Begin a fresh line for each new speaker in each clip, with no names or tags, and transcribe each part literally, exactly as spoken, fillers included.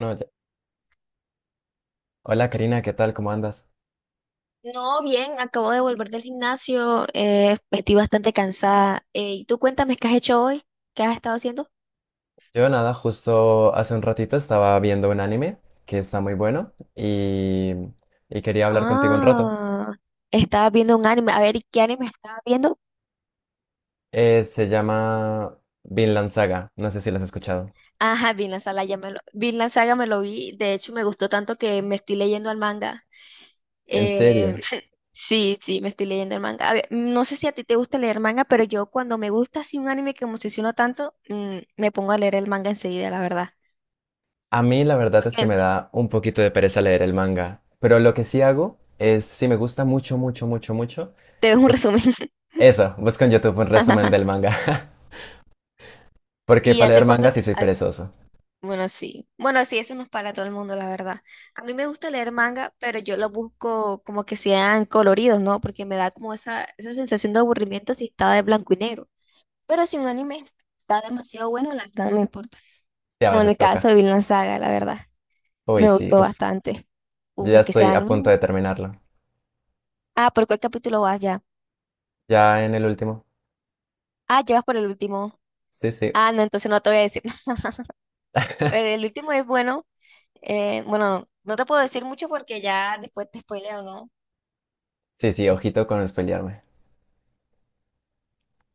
No, ya- Hola Karina, ¿qué tal? ¿Cómo andas?
No, bien, acabo de volver del gimnasio, eh, estoy bastante cansada. Eh, ¿y tú cuéntame qué has hecho hoy? ¿Qué has estado haciendo?
Yo nada, justo hace un ratito estaba viendo un anime que está muy bueno y, y quería hablar contigo un rato.
Ah, estaba viendo un anime. A ver, ¿y qué anime estaba viendo?
Eh, se llama Vinland Saga, no sé si lo has escuchado.
Ajá, Vinland Saga, ya me lo, Vinland Saga me lo vi. De hecho, me gustó tanto que me estoy leyendo el manga.
En
Eh,
serio,
sí, sí, me estoy leyendo el manga. A ver, no sé si a ti te gusta leer manga, pero yo cuando me gusta así un anime que me obsesionó tanto, mm, me pongo a leer el manga enseguida, la verdad.
a mí la verdad es que
Porque
me da un poquito de pereza leer el manga, pero lo que sí hago es, si me gusta mucho, mucho, mucho, mucho,
te ves un
pues
resumen.
eso, busco en YouTube un resumen del manga, porque
¿Y
para leer
hace
manga
cuánto
sí
te-
soy
has-
perezoso,
Bueno, sí. Bueno, sí, eso no es para todo el mundo, la verdad. A mí me gusta leer manga, pero yo lo busco como que sean coloridos, ¿no? Porque me da como esa, esa sensación de aburrimiento si está de blanco y negro. Pero si un anime está demasiado bueno, la verdad no me importa.
sí a
Como en
veces
el caso
toca.
de Vinland Saga, la verdad,
Uy,
me
sí,
gustó
uf,
bastante.
yo
Uf,
ya
es que sea
estoy a
anime,
punto
¿no?
de terminarlo.
Ah, ¿por cuál capítulo vas ya?
Ya en el último.
Ah, llevas por el último.
Sí, sí.
Ah, no, entonces no te voy a decir. El último es bueno. Eh, bueno, no, no te puedo decir mucho porque ya después te spoileo, ¿no?
Sí, sí, ojito con espelearme.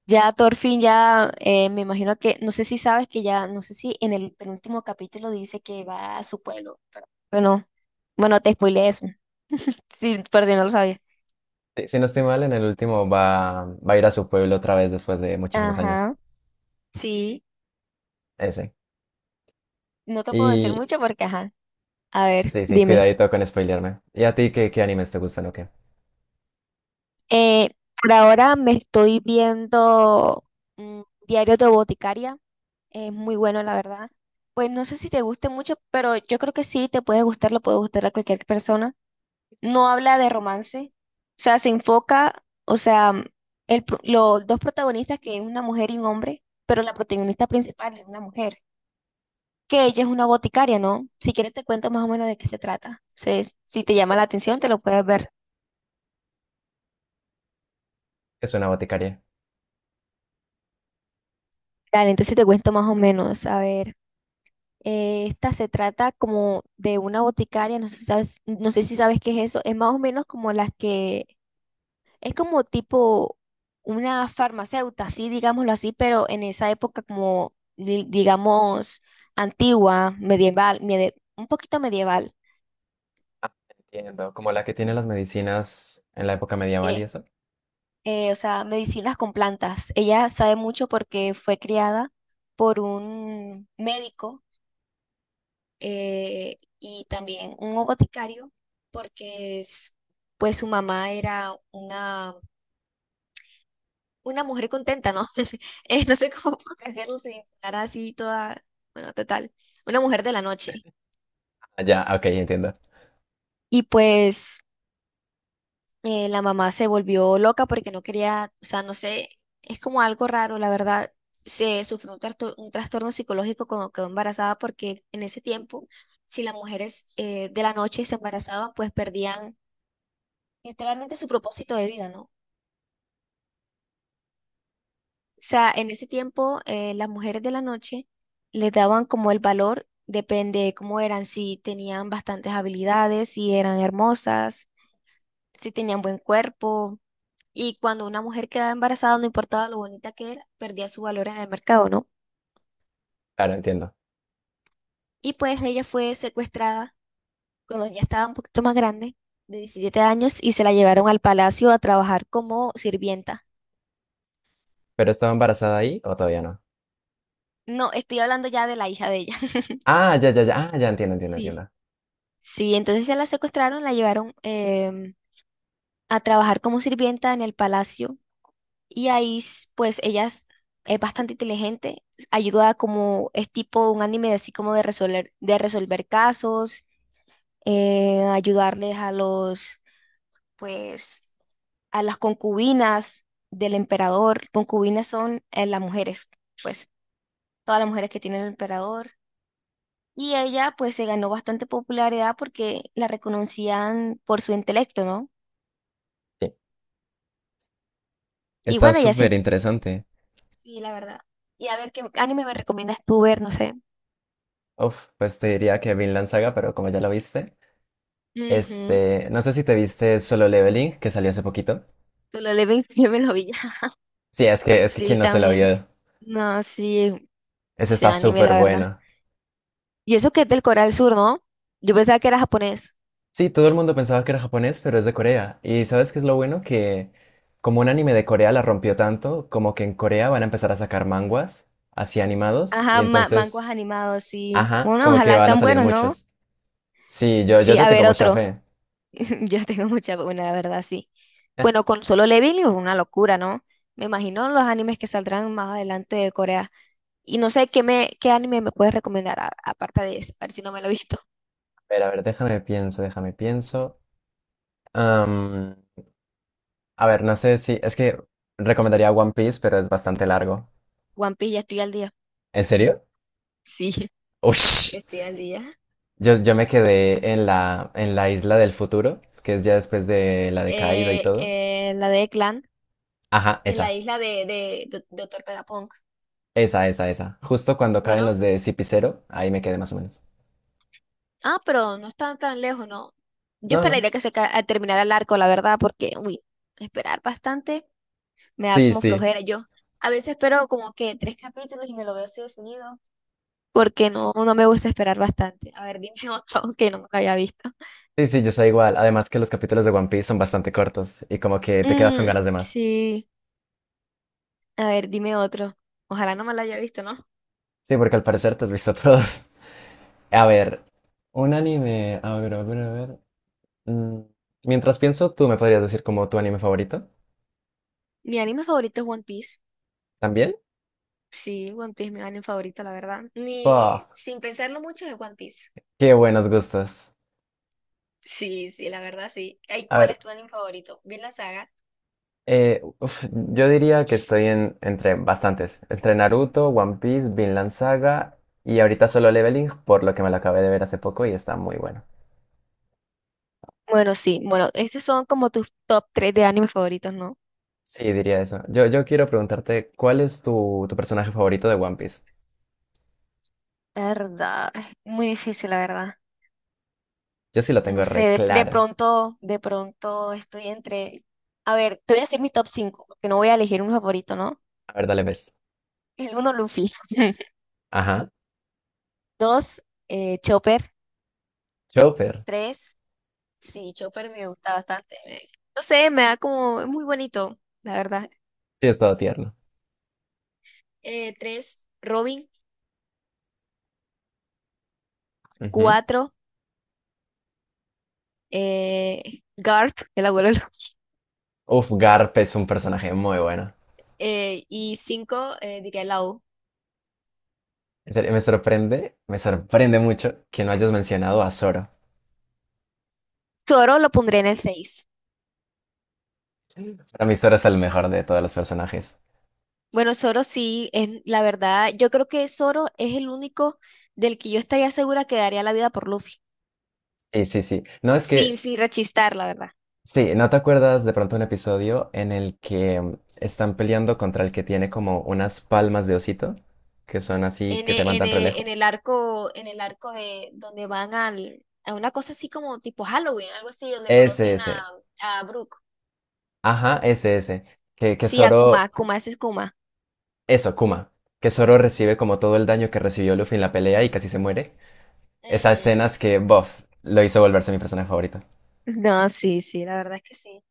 Ya, Thorfinn ya eh, me imagino que, no sé si sabes que ya, no sé si en el penúltimo capítulo dice que va a su pueblo. Bueno, bueno, te spoileé eso, sí, por si no lo sabías.
Sí, si no estoy mal, en el último va, va a ir a su pueblo otra vez después de muchísimos años.
Ajá, sí,
Ese.
no te puedo decir
Y
mucho porque, ajá, a ver,
sí, sí,
dime.
cuidadito con spoilearme. ¿Y a ti qué, qué animes te gustan o qué?
Eh, por ahora me estoy viendo mm, Diario de Boticaria, es muy bueno, la verdad. Pues no sé si te guste mucho, pero yo creo que sí, te puede gustar, le puede gustar a cualquier persona. No habla de romance, o sea, se enfoca, o sea, mm, el pro- los dos protagonistas, que es una mujer y un hombre, pero la protagonista principal es una mujer, que ella es una boticaria, ¿no? Si quieres te cuento más o menos de qué se trata. Se- si te
Una
llama la atención, te
boticaria.
lo puedes ver.
¿Qué? Es una boticaria.
Dale, entonces te cuento más o menos. A ver, eh, esta se trata como de una boticaria, no sé si sabes, no sé si sabes qué es eso, es más o menos como las que es como tipo una farmacéutica, sí, digámoslo así, pero en esa época como, di- digamos, antigua, medieval, mede- un poquito medieval.
Ah, entiendo. Como la que tiene las medicinas en la época medieval y
eh,
eso.
eh, o sea, medicinas con plantas. Ella sabe mucho porque fue criada por un médico, eh, y también un boticario, porque es- pues su mamá era una una mujer contenta, ¿no? Eh, no sé cómo hacerlo sin estar así toda, bueno, total, una mujer de la noche.
Ah, ya, ok, entiendo.
Y pues eh, la mamá se volvió loca porque no quería, o sea, no sé, es como algo raro, la verdad. Se sufrió un, trastor- un trastorno psicológico cuando quedó embarazada porque en ese tiempo, si las mujeres eh, de la noche se embarazaban, pues perdían literalmente su propósito de vida, ¿no? O sea, en ese tiempo eh, las mujeres de la noche les daban como el valor, depende de cómo eran, si tenían bastantes habilidades, si eran hermosas, si tenían buen cuerpo. Y cuando una mujer quedaba embarazada, no importaba lo bonita que era, perdía su valor en el mercado, ¿no?
Claro, entiendo.
Y pues ella fue secuestrada cuando ya estaba un poquito más grande, de diecisiete años, y se la llevaron al palacio a trabajar como sirvienta.
¿Pero estaba embarazada ahí o todavía no?
No, estoy hablando ya de la hija de ella.
Ah, ya, ya, ya. Ah, ya entiendo, entiendo,
Sí.
entiendo.
Sí, entonces se la secuestraron, la llevaron em, a trabajar como sirvienta en el palacio y ahí s- pues ella es, es, bastante inteligente, ayuda a como es tipo un anime así como de resolver, de resolver casos, eh, ayudarles a los pues a las concubinas del emperador. Concubinas son eh, las mujeres, pues todas las mujeres que tiene el emperador. Y ella pues se ganó bastante popularidad porque la reconocían por su intelecto, ¿no?
Sí.
Y
Está
bueno, ella se.
súper interesante.
Sí, la verdad. Y a ver, ¿qué anime me recomiendas tú ver? No sé.
Uf, pues te diría que Vinland Saga, pero como ya lo viste,
Ujú.
este, no sé si te viste Solo Leveling, que salió hace poquito.
Tú lo lees, yo me lo vi ya.
Sí, es que, es que
Sí,
quién no se lo
también.
vio.
No, sí,
Ese
sí,
está
anime,
súper
la verdad.
bueno.
Y eso que es del Corea del Sur, ¿no? Yo pensaba que era japonés.
Sí, todo el mundo pensaba que era japonés, pero es de Corea. ¿Y sabes qué es lo bueno? Que como un anime de Corea la rompió tanto, como que en Corea van a empezar a sacar manguas así animados, y
Ajá, ma- mangos
entonces,
animados, sí.
ajá,
Bueno,
como que
ojalá
van a
sean
salir
buenos, ¿no?
muchos. Sí, yo, yo
Sí,
te
a
tengo
ver,
mucha
otro.
fe.
Yo tengo mucha, buena, la verdad, sí. Bueno, con Solo Leveling es una locura, ¿no? Me imagino los animes que saldrán más adelante de Corea. Y no sé qué me, qué anime me puedes recomendar a- aparte de eso, a ver si no me lo he visto.
Pero a ver, déjame pienso, déjame pienso. A ver, no sé si. Es que recomendaría One Piece, pero es bastante largo.
One Piece, ya estoy al día.
¿En serio?
Sí,
Ush.
estoy al día.
Yo, yo me quedé en la, en la isla del futuro, que es ya después de la de Kaido y
Eh,
todo.
eh, la de Clan,
Ajá,
en la
esa.
isla de, de, de Doctor Vegapunk.
Esa, esa, esa. Justo cuando caen
Bueno,
los de Cipicero, ahí me quedé más o menos.
ah, pero no está tan lejos, ¿no? Yo
No, no.
esperaría que se ca- a- terminara el arco, la verdad, porque, uy, esperar bastante me da
Sí,
como
sí.
flojera. Yo a veces espero como que tres capítulos y me lo veo así de seguido, porque no, no me gusta esperar bastante. A ver, dime otro que no me lo haya visto.
Sí, sí, yo soy igual. Además que los capítulos de One Piece son bastante cortos y como que te quedas con
Mm,
ganas de más.
sí, a ver, dime otro. Ojalá no me lo haya visto, ¿no?
Sí, porque al parecer te has visto todos. A ver, un anime. A ver, a ver, a ver. Mm, Mientras pienso, tú me podrías decir como tu anime favorito.
Mi anime favorito es One Piece.
¿También?
Sí, One Piece mi anime favorito, la verdad. Ni
Puff,
sin pensarlo mucho es One Piece.
qué buenos gustos.
Sí, sí, la verdad sí. ¿Y
A
cuál
ver,
es tu anime favorito? ¿Bien la saga?
eh, uf, yo diría que estoy en, entre bastantes. Entre Naruto, One Piece, Vinland Saga y ahorita Solo Leveling, por lo que me lo acabé de ver hace poco y está muy bueno.
Bueno, sí, bueno, estos son como tus top tres de animes favoritos, ¿no?
Sí, diría eso. Yo, yo quiero preguntarte, ¿cuál es tu, tu personaje favorito de One Piece?
La verdad, es muy difícil, la verdad.
Yo sí lo
No
tengo
sé,
re
de, de
claro.
pronto, de pronto estoy entre... A ver, te voy a decir mis top cinco porque no voy a elegir un favorito, ¿no?
A ver, dale ves.
El uno, Luffy.
Ajá.
dos, Chopper.
Chopper.
Tres. Sí, Chopper me gusta bastante. Me- no sé, me da como, es muy bonito, la verdad.
Sí, es todo tierno.
Eh, tres, Robin.
Ujú.
Cuatro, eh, Garp, el abuelo de los-
Uf, Garp es un personaje muy bueno.
eh, y cinco, eh, diría Lau.
En serio, me sorprende, me sorprende mucho que no hayas mencionado a Zoro.
Zoro lo pondré en el seis.
Para mí Zoro es el mejor de todos los personajes.
Bueno, Zoro sí, es, la verdad, yo creo que Zoro es el único del que yo estaría segura que daría la vida por Luffy.
Sí, sí, sí. No, es
Sin,
que,
sin rechistar, la verdad.
sí, ¿no te acuerdas de pronto un episodio en el que mm, están peleando contra el que tiene como unas palmas de osito, que son así,
en,
que te
e- en
mandan re
e- en
lejos?
el arco, en el arco, de donde van al, a una cosa así como tipo Halloween, algo así, donde
Ese,
conocen
ese.
a, a Brooke.
Ajá, ese, ese.
S-
Que, que
Sí, a
Zoro,
Kuma, Kuma, ese es Kuma.
eso, Kuma. Que Zoro recibe como todo el daño que recibió Luffy en la pelea y casi se muere. Esas
Ujú.
escenas que, bof, lo hizo volverse mi personaje favorito.
No, sí, sí, la verdad es que sí.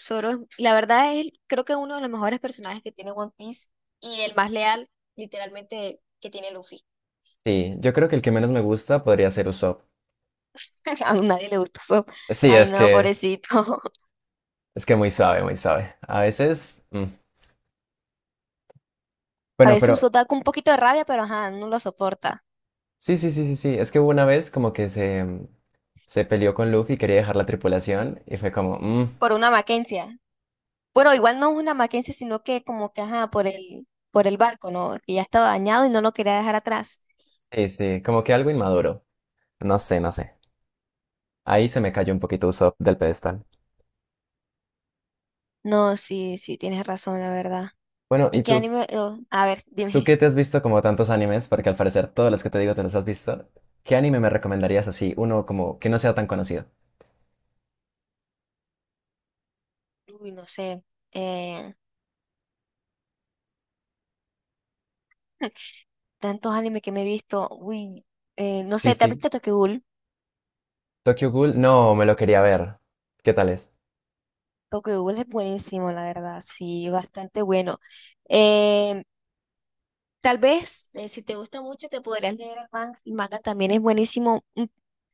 Zoro, es- la verdad es, creo que uno de los mejores personajes que tiene One Piece y el más leal, literalmente, que tiene Luffy.
Sí, yo creo que el que menos me gusta podría ser Usopp.
A nadie le gusta Zoro.
Sí,
Ay,
es
no,
que
pobrecito.
es que muy suave, muy suave. A veces, mm.
A
Bueno,
veces
pero
usó da con un poquito de rabia, pero ajá, no lo soporta.
sí, sí, sí, sí, sí. Es que hubo una vez como que se mm, se peleó con Luffy y quería dejar la tripulación y fue como, mm,
Por una Mackenzie. Bueno, igual no es una Mackenzie, sino que como que, ajá, por el, por el barco, ¿no? Que ya estaba dañado y no lo quería dejar atrás.
sí, sí, como que algo inmaduro. No sé, no sé. Ahí se me cayó un poquito Usopp del pedestal.
No, sí, sí, tienes razón, la verdad.
Bueno,
¿Y
¿y
qué
tú,
anime? Oh, a ver,
tú
dime.
qué te has visto como tantos animes? Porque al parecer todos los que te digo te los has visto. ¿Qué anime me recomendarías así, uno como que no sea tan conocido?
Uy, no sé. Eh, tantos animes que me he visto. Uy, eh, no
Sí,
sé, ¿te has
sí.
visto Tokyo Ghoul?
Tokyo Ghoul, no, me lo quería ver. ¿Qué tal es?
Tokyo Ghoul es buenísimo, la verdad. Sí, bastante bueno. Eh, tal vez, eh, si te gusta mucho, te podrías leer el manga. El manga también es buenísimo. Mm,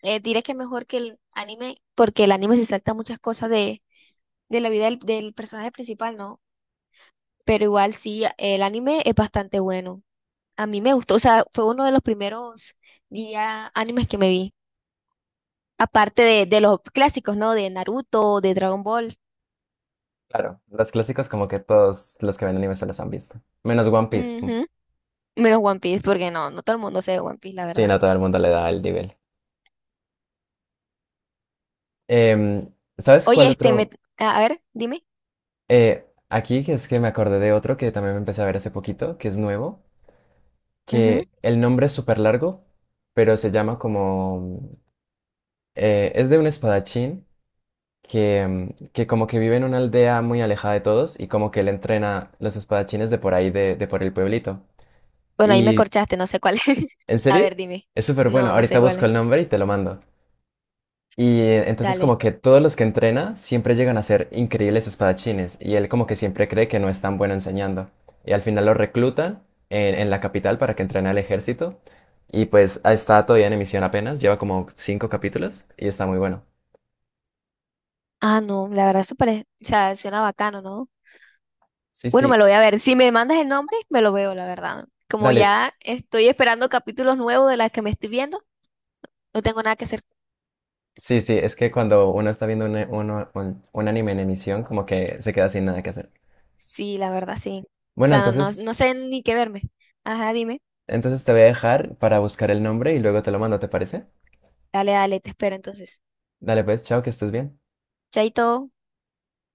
eh, diré que mejor que el anime, porque el anime se salta muchas cosas de, de la vida del, del personaje principal, ¿no? Pero igual sí, el anime es bastante bueno. A mí me gustó, o sea, fue uno de los primeros días animes que me vi. Aparte de, de los clásicos, ¿no? De Naruto, de Dragon Ball.
Claro, los clásicos como que todos los que ven anime se los han visto. Menos One Piece.
Ujú. Menos One Piece, porque no, no todo el mundo sabe One Piece, la
Sí,
verdad.
no todo el mundo le da el nivel. Em, ¿Sabes
Oye,
cuál
este, me,
otro?
a a ver, dime.
Eh, aquí que es que me acordé de otro que también me empecé a ver hace poquito, que es nuevo, que el nombre es súper largo, pero se llama como... eh, es de un espadachín que, mm, que como que vive en una aldea muy alejada de todos y como que él entrena los espadachines de por ahí, de, de por el pueblito.
Bueno, ahí me
Y,
corchaste, no sé cuál es.
¿en
A
serio?
ver, dime.
Es súper bueno.
No, no sé
Ahorita
cuál
busco
es.
el nombre y te lo mando. Y eh, entonces
Dale.
como que todos los que entrena siempre llegan a ser increíbles espadachines y él como que siempre cree que no es tan bueno enseñando. Y al final lo reclutan en, en la capital para que entrene al ejército. Y pues ah, está todavía en emisión apenas, lleva como cinco capítulos y está muy bueno.
Ah, no, la verdad, súper. es- O sea, suena bacano, ¿no?
Sí,
Bueno,
sí.
me lo voy a ver. Si me mandas el nombre, me lo veo, la verdad. Como
Dale,
ya estoy esperando capítulos nuevos de las que me estoy viendo, no tengo nada que hacer.
sí, sí, es que cuando uno está viendo un, uno- un- un anime en emisión, como que se queda sin nada que hacer.
Sí, la verdad, sí. O
Bueno,
sea, no, no
entonces,
no sé ni qué verme. Ajá, dime.
entonces te voy a dejar para buscar el nombre y luego te lo mando, ¿te parece?
Dale, dale, te espero entonces.
Dale pues, chao, que estés bien.
Chaito.